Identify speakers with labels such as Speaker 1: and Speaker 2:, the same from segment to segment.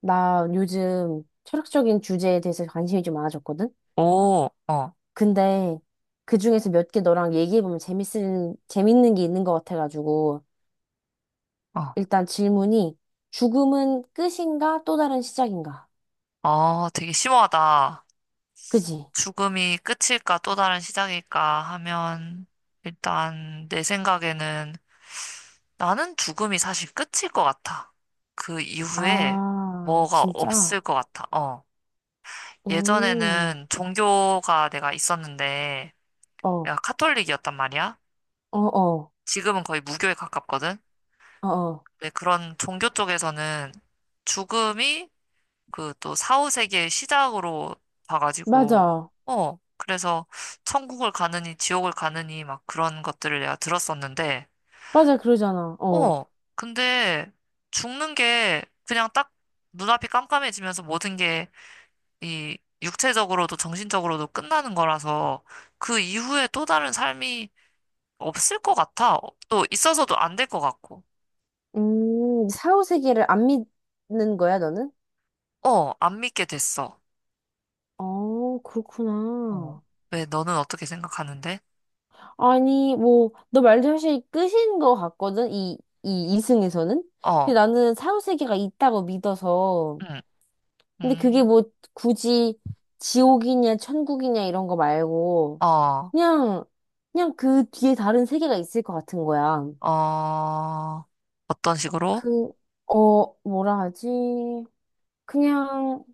Speaker 1: 나 요즘 철학적인 주제에 대해서 관심이 좀 많아졌거든?
Speaker 2: 오, 어,
Speaker 1: 근데 그 중에서 몇 개 너랑 얘기해보면 재밌는 게 있는 것 같아가지고,
Speaker 2: 어.
Speaker 1: 일단 질문이, 죽음은 끝인가 또 다른 시작인가?
Speaker 2: 아, 되게 심오하다.
Speaker 1: 그지?
Speaker 2: 죽음이 끝일까 또 다른 시작일까 하면 일단 내 생각에는 나는 죽음이 사실 끝일 것 같아. 그 이후에
Speaker 1: 아,
Speaker 2: 뭐가
Speaker 1: 진짜?
Speaker 2: 없을 것 같아. 어.
Speaker 1: 오,
Speaker 2: 예전에는 종교가 내가 있었는데
Speaker 1: 어,
Speaker 2: 내가
Speaker 1: 어,
Speaker 2: 카톨릭이었단 말이야.
Speaker 1: 어,
Speaker 2: 지금은 거의 무교에 가깝거든.
Speaker 1: 어, 어.
Speaker 2: 근데 그런 종교 쪽에서는 죽음이 그 또사후세기의 시작으로 봐가지고,
Speaker 1: 맞아.
Speaker 2: 어, 그래서 천국을 가느니 지옥을 가느니 막 그런 것들을 내가 들었었는데,
Speaker 1: 맞아, 그러잖아. 어.
Speaker 2: 어, 근데 죽는 게 그냥 딱 눈앞이 깜깜해지면서 모든 게 이 육체적으로도 정신적으로도 끝나는 거라서 그 이후에 또 다른 삶이 없을 것 같아. 또 있어서도 안 될 것 같고.
Speaker 1: 사후세계를 안 믿는 거야, 너는?
Speaker 2: 어, 안 믿게 됐어.
Speaker 1: 어,
Speaker 2: 어.
Speaker 1: 그렇구나.
Speaker 2: 왜 너는 어떻게 생각하는데?
Speaker 1: 아니, 뭐, 너 말도 사실 끝인 것 같거든, 이 이승에서는
Speaker 2: 어,
Speaker 1: 근데 나는 사후세계가 있다고 믿어서.
Speaker 2: 응,
Speaker 1: 근데 그게
Speaker 2: 음,
Speaker 1: 뭐, 굳이 지옥이냐, 천국이냐, 이런 거 말고,
Speaker 2: 어.
Speaker 1: 그냥, 그냥 그 뒤에 다른 세계가 있을 것 같은 거야.
Speaker 2: 어, 어떤 식으로?
Speaker 1: 그, 어, 뭐라 하지? 그냥,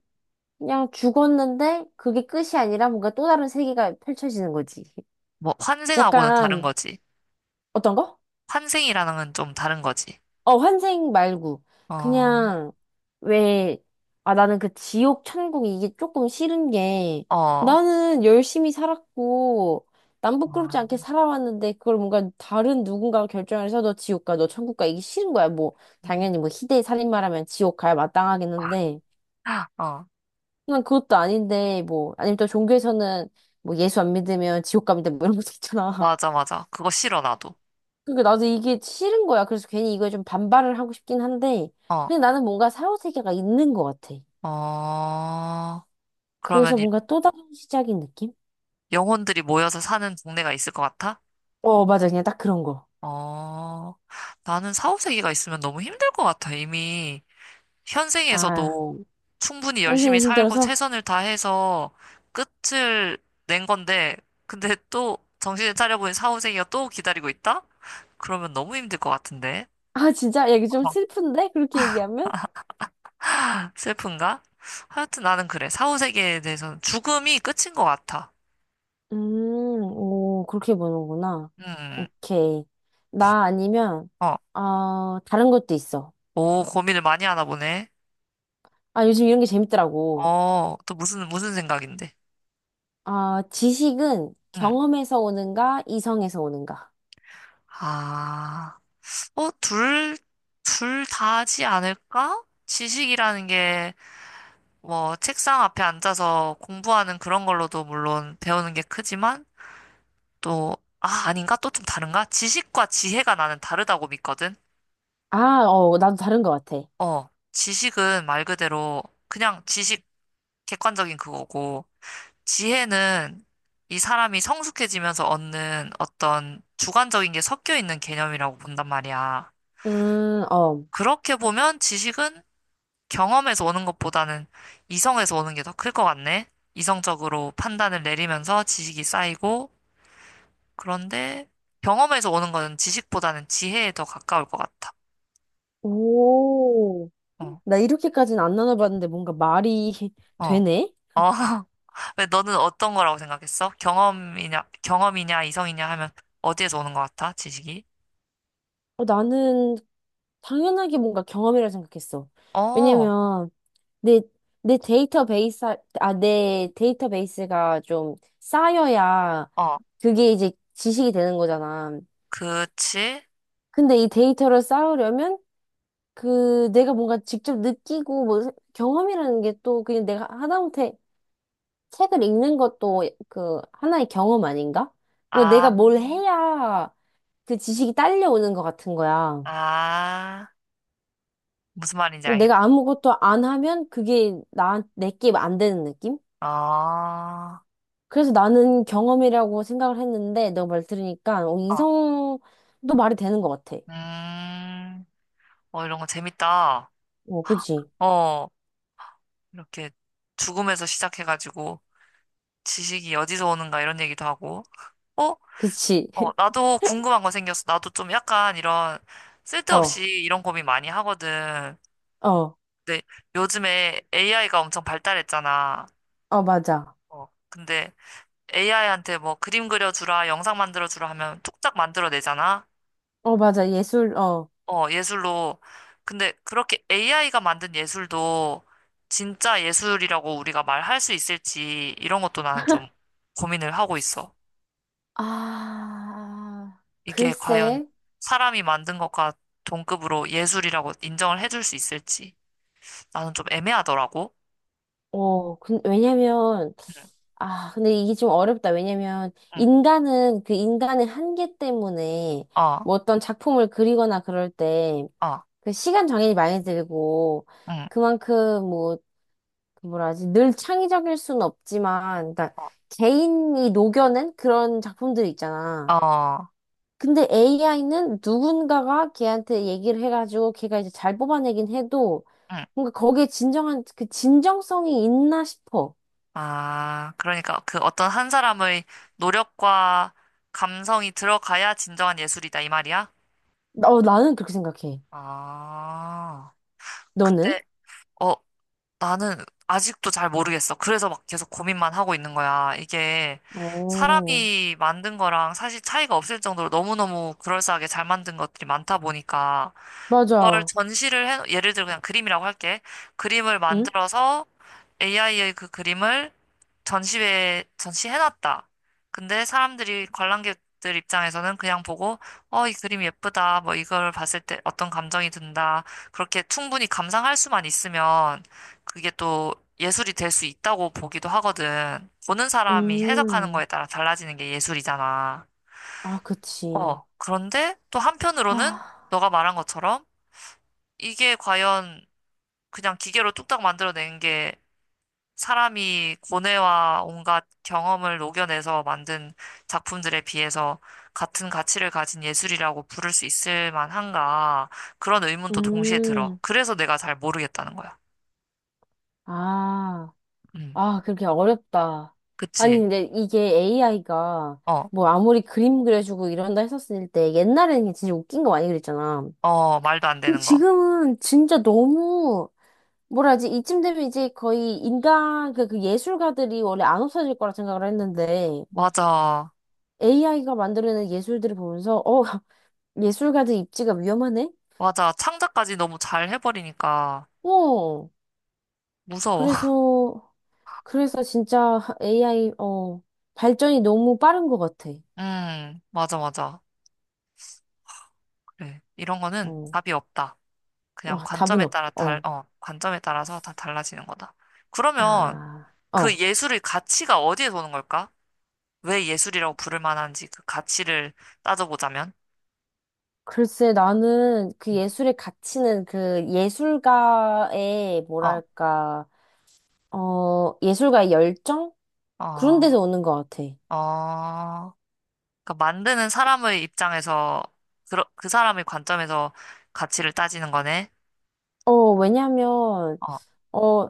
Speaker 1: 그냥 죽었는데, 그게 끝이 아니라 뭔가 또 다른 세계가 펼쳐지는 거지.
Speaker 2: 뭐, 환생하고는 다른
Speaker 1: 약간,
Speaker 2: 거지.
Speaker 1: 어떤 거?
Speaker 2: 환생이라는 건 좀 다른 거지.
Speaker 1: 어, 환생 말고.
Speaker 2: 어,
Speaker 1: 그냥, 왜, 아, 나는 그 지옥, 천국 이게 조금 싫은 게,
Speaker 2: 어,
Speaker 1: 나는 열심히 살았고, 남 부끄럽지
Speaker 2: 와,
Speaker 1: 않게 살아왔는데, 그걸 뭔가 다른 누군가가 결정을 해서 너 지옥 가, 너 천국 가, 이게 싫은 거야. 뭐,
Speaker 2: 음,
Speaker 1: 당연히 뭐, 희대의 살인마라면 지옥 가야 마땅하긴 한데,
Speaker 2: 어,
Speaker 1: 난 그것도 아닌데, 뭐, 아니면 또 종교에서는 뭐, 예수 안 믿으면 지옥 갑니다, 뭐 이런 것도 있잖아.
Speaker 2: 맞아, 맞아. 그거 싫어, 나도.
Speaker 1: 그러니까 나도 이게 싫은 거야. 그래서 괜히 이거에 좀 반발을 하고 싶긴 한데,
Speaker 2: 어,
Speaker 1: 그냥 나는 뭔가 사후세계가 있는 것 같아.
Speaker 2: 어,
Speaker 1: 그래서
Speaker 2: 그러면 이-
Speaker 1: 뭔가 또 다른 시작인 느낌?
Speaker 2: 영혼들이 모여서 사는 동네가 있을 것 같아?
Speaker 1: 어, 맞아. 그냥 딱 그런 거.
Speaker 2: 어, 나는 사후세계가 있으면 너무 힘들 것 같아, 이미.
Speaker 1: 아,
Speaker 2: 현생에서도 충분히 열심히
Speaker 1: 현생이
Speaker 2: 살고
Speaker 1: 힘들어서.
Speaker 2: 최선을 다해서 끝을 낸 건데, 근데 또 정신을 차려보니 사후생이가 또 기다리고 있다? 그러면 너무 힘들 것 같은데.
Speaker 1: 아, 진짜? 야, 이게 좀 슬픈데? 그렇게 얘기하면?
Speaker 2: 슬픈가? 하여튼 나는 그래. 사후세계에 대해서는 죽음이 끝인 것 같아.
Speaker 1: 오, 그렇게 보는구나.
Speaker 2: 음,
Speaker 1: 오케이. 나 아니면,
Speaker 2: 어.
Speaker 1: 어, 다른 것도 있어.
Speaker 2: 오, 고민을 많이 하나 보네.
Speaker 1: 아, 요즘 이런 게 재밌더라고.
Speaker 2: 어, 또 무슨 생각인데?
Speaker 1: 아, 지식은
Speaker 2: 음.
Speaker 1: 경험에서 오는가, 이성에서 오는가.
Speaker 2: 아, 어, 둘 다지 않을까? 지식이라는 게 뭐, 책상 앞에 앉아서 공부하는 그런 걸로도 물론 배우는 게 크지만, 또, 아, 아닌가? 또 좀 다른가? 지식과 지혜가 나는 다르다고 믿거든?
Speaker 1: 아, 어, 나도 다른 것 같아.
Speaker 2: 어, 지식은 말 그대로 그냥 지식 객관적인 그거고, 지혜는 이 사람이 성숙해지면서 얻는 어떤 주관적인 게 섞여 있는 개념이라고 본단 말이야.
Speaker 1: 어.
Speaker 2: 그렇게 보면 지식은 경험에서 오는 것보다는 이성에서 오는 게 더 클 것 같네? 이성적으로 판단을 내리면서 지식이 쌓이고 그런데 경험에서 오는 거는 지식보다는 지혜에 더 가까울 것 같아.
Speaker 1: 오.
Speaker 2: 어,
Speaker 1: 나 이렇게까지는 안 나눠봤는데 뭔가 말이
Speaker 2: 어, 어.
Speaker 1: 되네?
Speaker 2: 왜 너는 어떤 거라고 생각했어? 경험이냐, 이성이냐 하면 어디에서 오는 것 같아? 지식이?
Speaker 1: 어, 나는 당연하게 뭔가 경험이라 생각했어.
Speaker 2: 어,
Speaker 1: 왜냐면 내, 내 데이터베이스, 아, 내 데이터베이스가 좀 쌓여야
Speaker 2: 어,
Speaker 1: 그게 이제 지식이 되는 거잖아.
Speaker 2: 그치?
Speaker 1: 근데 이 데이터를 쌓으려면 그 내가 뭔가 직접 느끼고 뭐 경험이라는 게 또 그냥 내가 하다못해 책을 읽는 것도 그 하나의 경험 아닌가? 뭐 내가
Speaker 2: 아,
Speaker 1: 뭘 해야 그 지식이 딸려오는 것 같은 거야.
Speaker 2: 아, 무슨 말인지
Speaker 1: 그리고
Speaker 2: 알겠다.
Speaker 1: 내가 아무것도 안 하면 그게 나, 내게 안 되는 느낌?
Speaker 2: 어,
Speaker 1: 그래서 나는 경험이라고 생각을 했는데 너 말 들으니까 어,
Speaker 2: 어,
Speaker 1: 이성도 말이 되는 것 같아.
Speaker 2: 음, 어, 이런 거 재밌다.
Speaker 1: 어, 그지?
Speaker 2: 어, 이렇게 죽음에서 시작해가지고 지식이 어디서 오는가 이런 얘기도 하고. 어?
Speaker 1: 그치?
Speaker 2: 어, 나도 궁금한 거 생겼어. 나도 좀 약간 이런
Speaker 1: 어,
Speaker 2: 쓸데없이 이런 고민 많이 하거든.
Speaker 1: 어,
Speaker 2: 근데 요즘에 AI가 엄청 발달했잖아.
Speaker 1: 어, 맞아.
Speaker 2: 어, 근데 AI한테 뭐 그림 그려주라, 영상 만들어주라 하면 뚝딱 만들어내잖아.
Speaker 1: 어, 맞아. 예술, 어.
Speaker 2: 어, 예술로. 근데 그렇게 AI가 만든 예술도 진짜 예술이라고 우리가 말할 수 있을지 이런 것도 나는 좀 고민을 하고 있어.
Speaker 1: 아,
Speaker 2: 이게 과연
Speaker 1: 글쎄.
Speaker 2: 사람이 만든 것과 동급으로 예술이라고 인정을 해줄 수 있을지. 나는 좀 애매하더라고.
Speaker 1: 어, 근 왜냐면,
Speaker 2: 응,
Speaker 1: 아, 근데 이게 좀 어렵다. 왜냐면,
Speaker 2: 응,
Speaker 1: 인간은 그 인간의 한계 때문에,
Speaker 2: 어,
Speaker 1: 뭐 어떤 작품을 그리거나 그럴 때,
Speaker 2: 어,
Speaker 1: 그 시간 장애이 많이 들고,
Speaker 2: 응,
Speaker 1: 그만큼 뭐, 그 뭐라 하지, 늘 창의적일 순 없지만, 그러니까
Speaker 2: 어,
Speaker 1: 개인이 녹여낸 그런 작품들 있잖아.
Speaker 2: 어,
Speaker 1: 근데 AI는 누군가가 걔한테 얘기를 해가지고, 걔가 이제 잘 뽑아내긴 해도,
Speaker 2: 응.
Speaker 1: 뭔가 거기에 진정한, 그 진정성이 있나 싶어.
Speaker 2: 아, 그러니까 그 어떤 한 사람의 노력과 감성이 들어가야 진정한 예술이다, 이 말이야?
Speaker 1: 어, 나는 그렇게 생각해.
Speaker 2: 아,
Speaker 1: 너는?
Speaker 2: 근데, 어, 나는 아직도 잘 모르겠어. 그래서 막 계속 고민만 하고 있는 거야. 이게
Speaker 1: 어,
Speaker 2: 사람이 만든 거랑 사실 차이가 없을 정도로 너무너무 그럴싸하게 잘 만든 것들이 많다 보니까 그걸
Speaker 1: 맞아.
Speaker 2: 전시를 해, 예를 들어 그냥 그림이라고 할게. 그림을
Speaker 1: 응?
Speaker 2: 만들어서 AI의 그 그림을 전시회에 전시해놨다. 근데 사람들이 관람객들 입장에서는 그냥 보고, 어, 이 그림 예쁘다. 뭐 이걸 봤을 때 어떤 감정이 든다. 그렇게 충분히 감상할 수만 있으면 그게 또 예술이 될 수 있다고 보기도 하거든. 보는 사람이 해석하는
Speaker 1: 음.
Speaker 2: 거에 따라 달라지는 게 예술이잖아.
Speaker 1: 아, 그치.
Speaker 2: 어, 그런데 또 한편으로는
Speaker 1: 하,
Speaker 2: 너가 말한 것처럼 이게 과연 그냥 기계로 뚝딱 만들어낸 게 사람이 고뇌와 온갖 경험을 녹여내서 만든 작품들에 비해서 같은 가치를 가진 예술이라고 부를 수 있을 만한가 그런 의문도 동시에 들어.
Speaker 1: 음.
Speaker 2: 그래서 내가 잘 모르겠다는 거야.
Speaker 1: 아,
Speaker 2: 음,
Speaker 1: 아, 그렇게 어렵다. 아니,
Speaker 2: 그치.
Speaker 1: 근데 이게 AI가
Speaker 2: 어,
Speaker 1: 뭐 아무리 그림 그려주고 이런다 했었을 때 옛날에는 진짜 웃긴 거 많이 그랬잖아.
Speaker 2: 어, 말도 안
Speaker 1: 근데
Speaker 2: 되는 거.
Speaker 1: 지금은 진짜 너무 뭐라 하지? 이쯤 되면 이제 거의 인간, 그, 그 예술가들이 원래 안 없어질 거라 생각을 했는데
Speaker 2: 맞아,
Speaker 1: AI가 만들어 예술들을 보면서 어, 예술가들 입지가 위험하네?
Speaker 2: 맞아. 창작까지 너무 잘 해버리니까
Speaker 1: 어,
Speaker 2: 무서워.
Speaker 1: 그래서, 그래서 진짜 AI, 어, 발전이 너무 빠른 것 같아.
Speaker 2: 맞아, 맞아. 그래. 이런 거는
Speaker 1: 어,
Speaker 2: 답이 없다. 그냥
Speaker 1: 와, 답은 없, 어,
Speaker 2: 관점에 따라서 다 달라지는 거다. 그러면
Speaker 1: 아,
Speaker 2: 그
Speaker 1: 어.
Speaker 2: 예술의 가치가 어디에서 오는 걸까? 왜 예술이라고 부를 만한지 그 가치를 따져보자면,
Speaker 1: 글쎄, 나는 그
Speaker 2: 음.
Speaker 1: 예술의 가치는 그 예술가의,
Speaker 2: 어,
Speaker 1: 뭐랄까, 어, 예술가의 열정? 그런
Speaker 2: 어,
Speaker 1: 데서 오는 것 같아.
Speaker 2: 어, 그러니까 만드는 사람의 입장에서 그 사람의 관점에서 가치를 따지는 거네.
Speaker 1: 어, 왜냐면,
Speaker 2: 어,
Speaker 1: 어,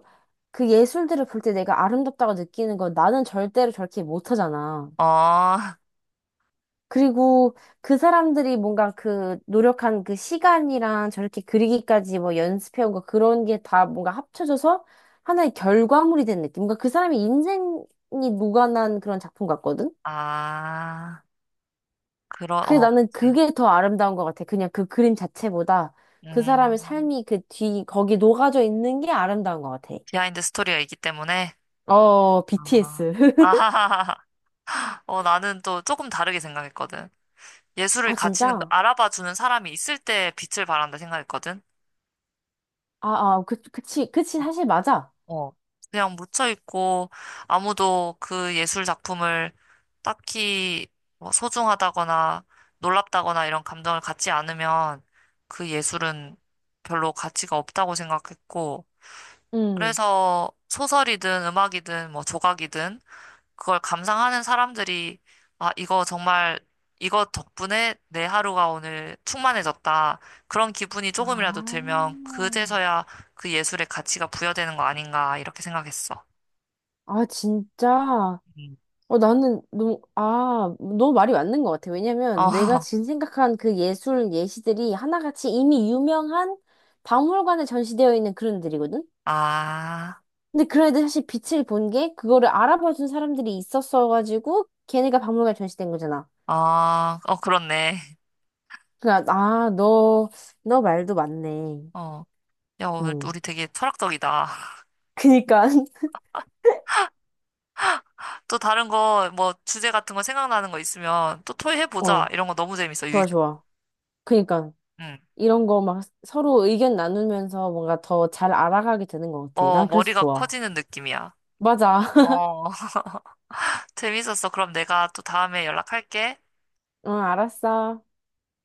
Speaker 1: 그 예술들을 볼 때 내가 아름답다고 느끼는 건 나는 절대로 저렇게 못하잖아.
Speaker 2: 어,
Speaker 1: 그리고 그 사람들이 뭔가 그 노력한 그 시간이랑 저렇게 그리기까지 뭐 연습해온 거 그런 게 다 뭔가 합쳐져서 하나의 결과물이 된 느낌. 뭔가 그 사람의 인생이 녹아난 그런 작품 같거든?
Speaker 2: 아, 그러,
Speaker 1: 그
Speaker 2: 어,
Speaker 1: 나는
Speaker 2: 그치.
Speaker 1: 그게 더 아름다운 것 같아. 그냥 그 그림 자체보다 그 사람의
Speaker 2: 음,
Speaker 1: 삶이 그 뒤, 거기 녹아져 있는 게 아름다운 것 같아.
Speaker 2: 비하인드 스토리가 있기 때문에,
Speaker 1: 어,
Speaker 2: 아,
Speaker 1: BTS.
Speaker 2: 아하하하. 어, 나는 또 조금 다르게 생각했거든. 예술의
Speaker 1: 아,
Speaker 2: 가치는 그
Speaker 1: 진짜?
Speaker 2: 알아봐주는 사람이 있을 때 빛을 발한다 생각했거든.
Speaker 1: 아, 아, 그, 그치, 그치,
Speaker 2: 어,
Speaker 1: 사실 맞아.
Speaker 2: 어. 그냥 묻혀있고 아무도 그 예술 작품을 딱히 뭐 소중하다거나 놀랍다거나 이런 감정을 갖지 않으면 그 예술은 별로 가치가 없다고 생각했고
Speaker 1: 응.
Speaker 2: 그래서 소설이든 음악이든 뭐 조각이든 그걸 감상하는 사람들이 아, 이거 정말 이거 덕분에 내 하루가 오늘 충만해졌다. 그런 기분이 조금이라도
Speaker 1: 아,
Speaker 2: 들면 그제서야 그 예술의 가치가 부여되는 거 아닌가 이렇게 생각했어.
Speaker 1: 아, 진짜.
Speaker 2: 음.
Speaker 1: 어, 아, 너무 말이 맞는 것 같아.
Speaker 2: 어,
Speaker 1: 왜냐면 내가 지금 생각한 그 예술 예시들이 하나같이 이미 유명한 박물관에 전시되어 있는 그런 들이거든
Speaker 2: 아,
Speaker 1: 근데 그런 애들 사실 빛을 본 게 그거를 알아봐준 사람들이 있었어가지고 걔네가 박물관에 전시된 거잖아.
Speaker 2: 어, 어, 그렇네.
Speaker 1: 그러니까, 아, 너, 너 말도 맞네.
Speaker 2: 어, 야, 오늘
Speaker 1: 응.
Speaker 2: 우리 되게 철학적이다.
Speaker 1: 그니까,
Speaker 2: 또 다른 거, 뭐, 주제 같은 거 생각나는 거 있으면 또 토의해보자.
Speaker 1: 어,
Speaker 2: 이런 거 너무 재밌어, 유익.
Speaker 1: 좋아, 좋아. 그니까.
Speaker 2: 응.
Speaker 1: 이런 거 막 서로 의견 나누면서 뭔가 더 잘 알아가게 되는 것 같아.
Speaker 2: 어,
Speaker 1: 난 그래서
Speaker 2: 머리가
Speaker 1: 좋아.
Speaker 2: 커지는 느낌이야.
Speaker 1: 맞아.
Speaker 2: 어. 재밌었어. 그럼 내가 또 다음에 연락할게.
Speaker 1: 응, 알았어.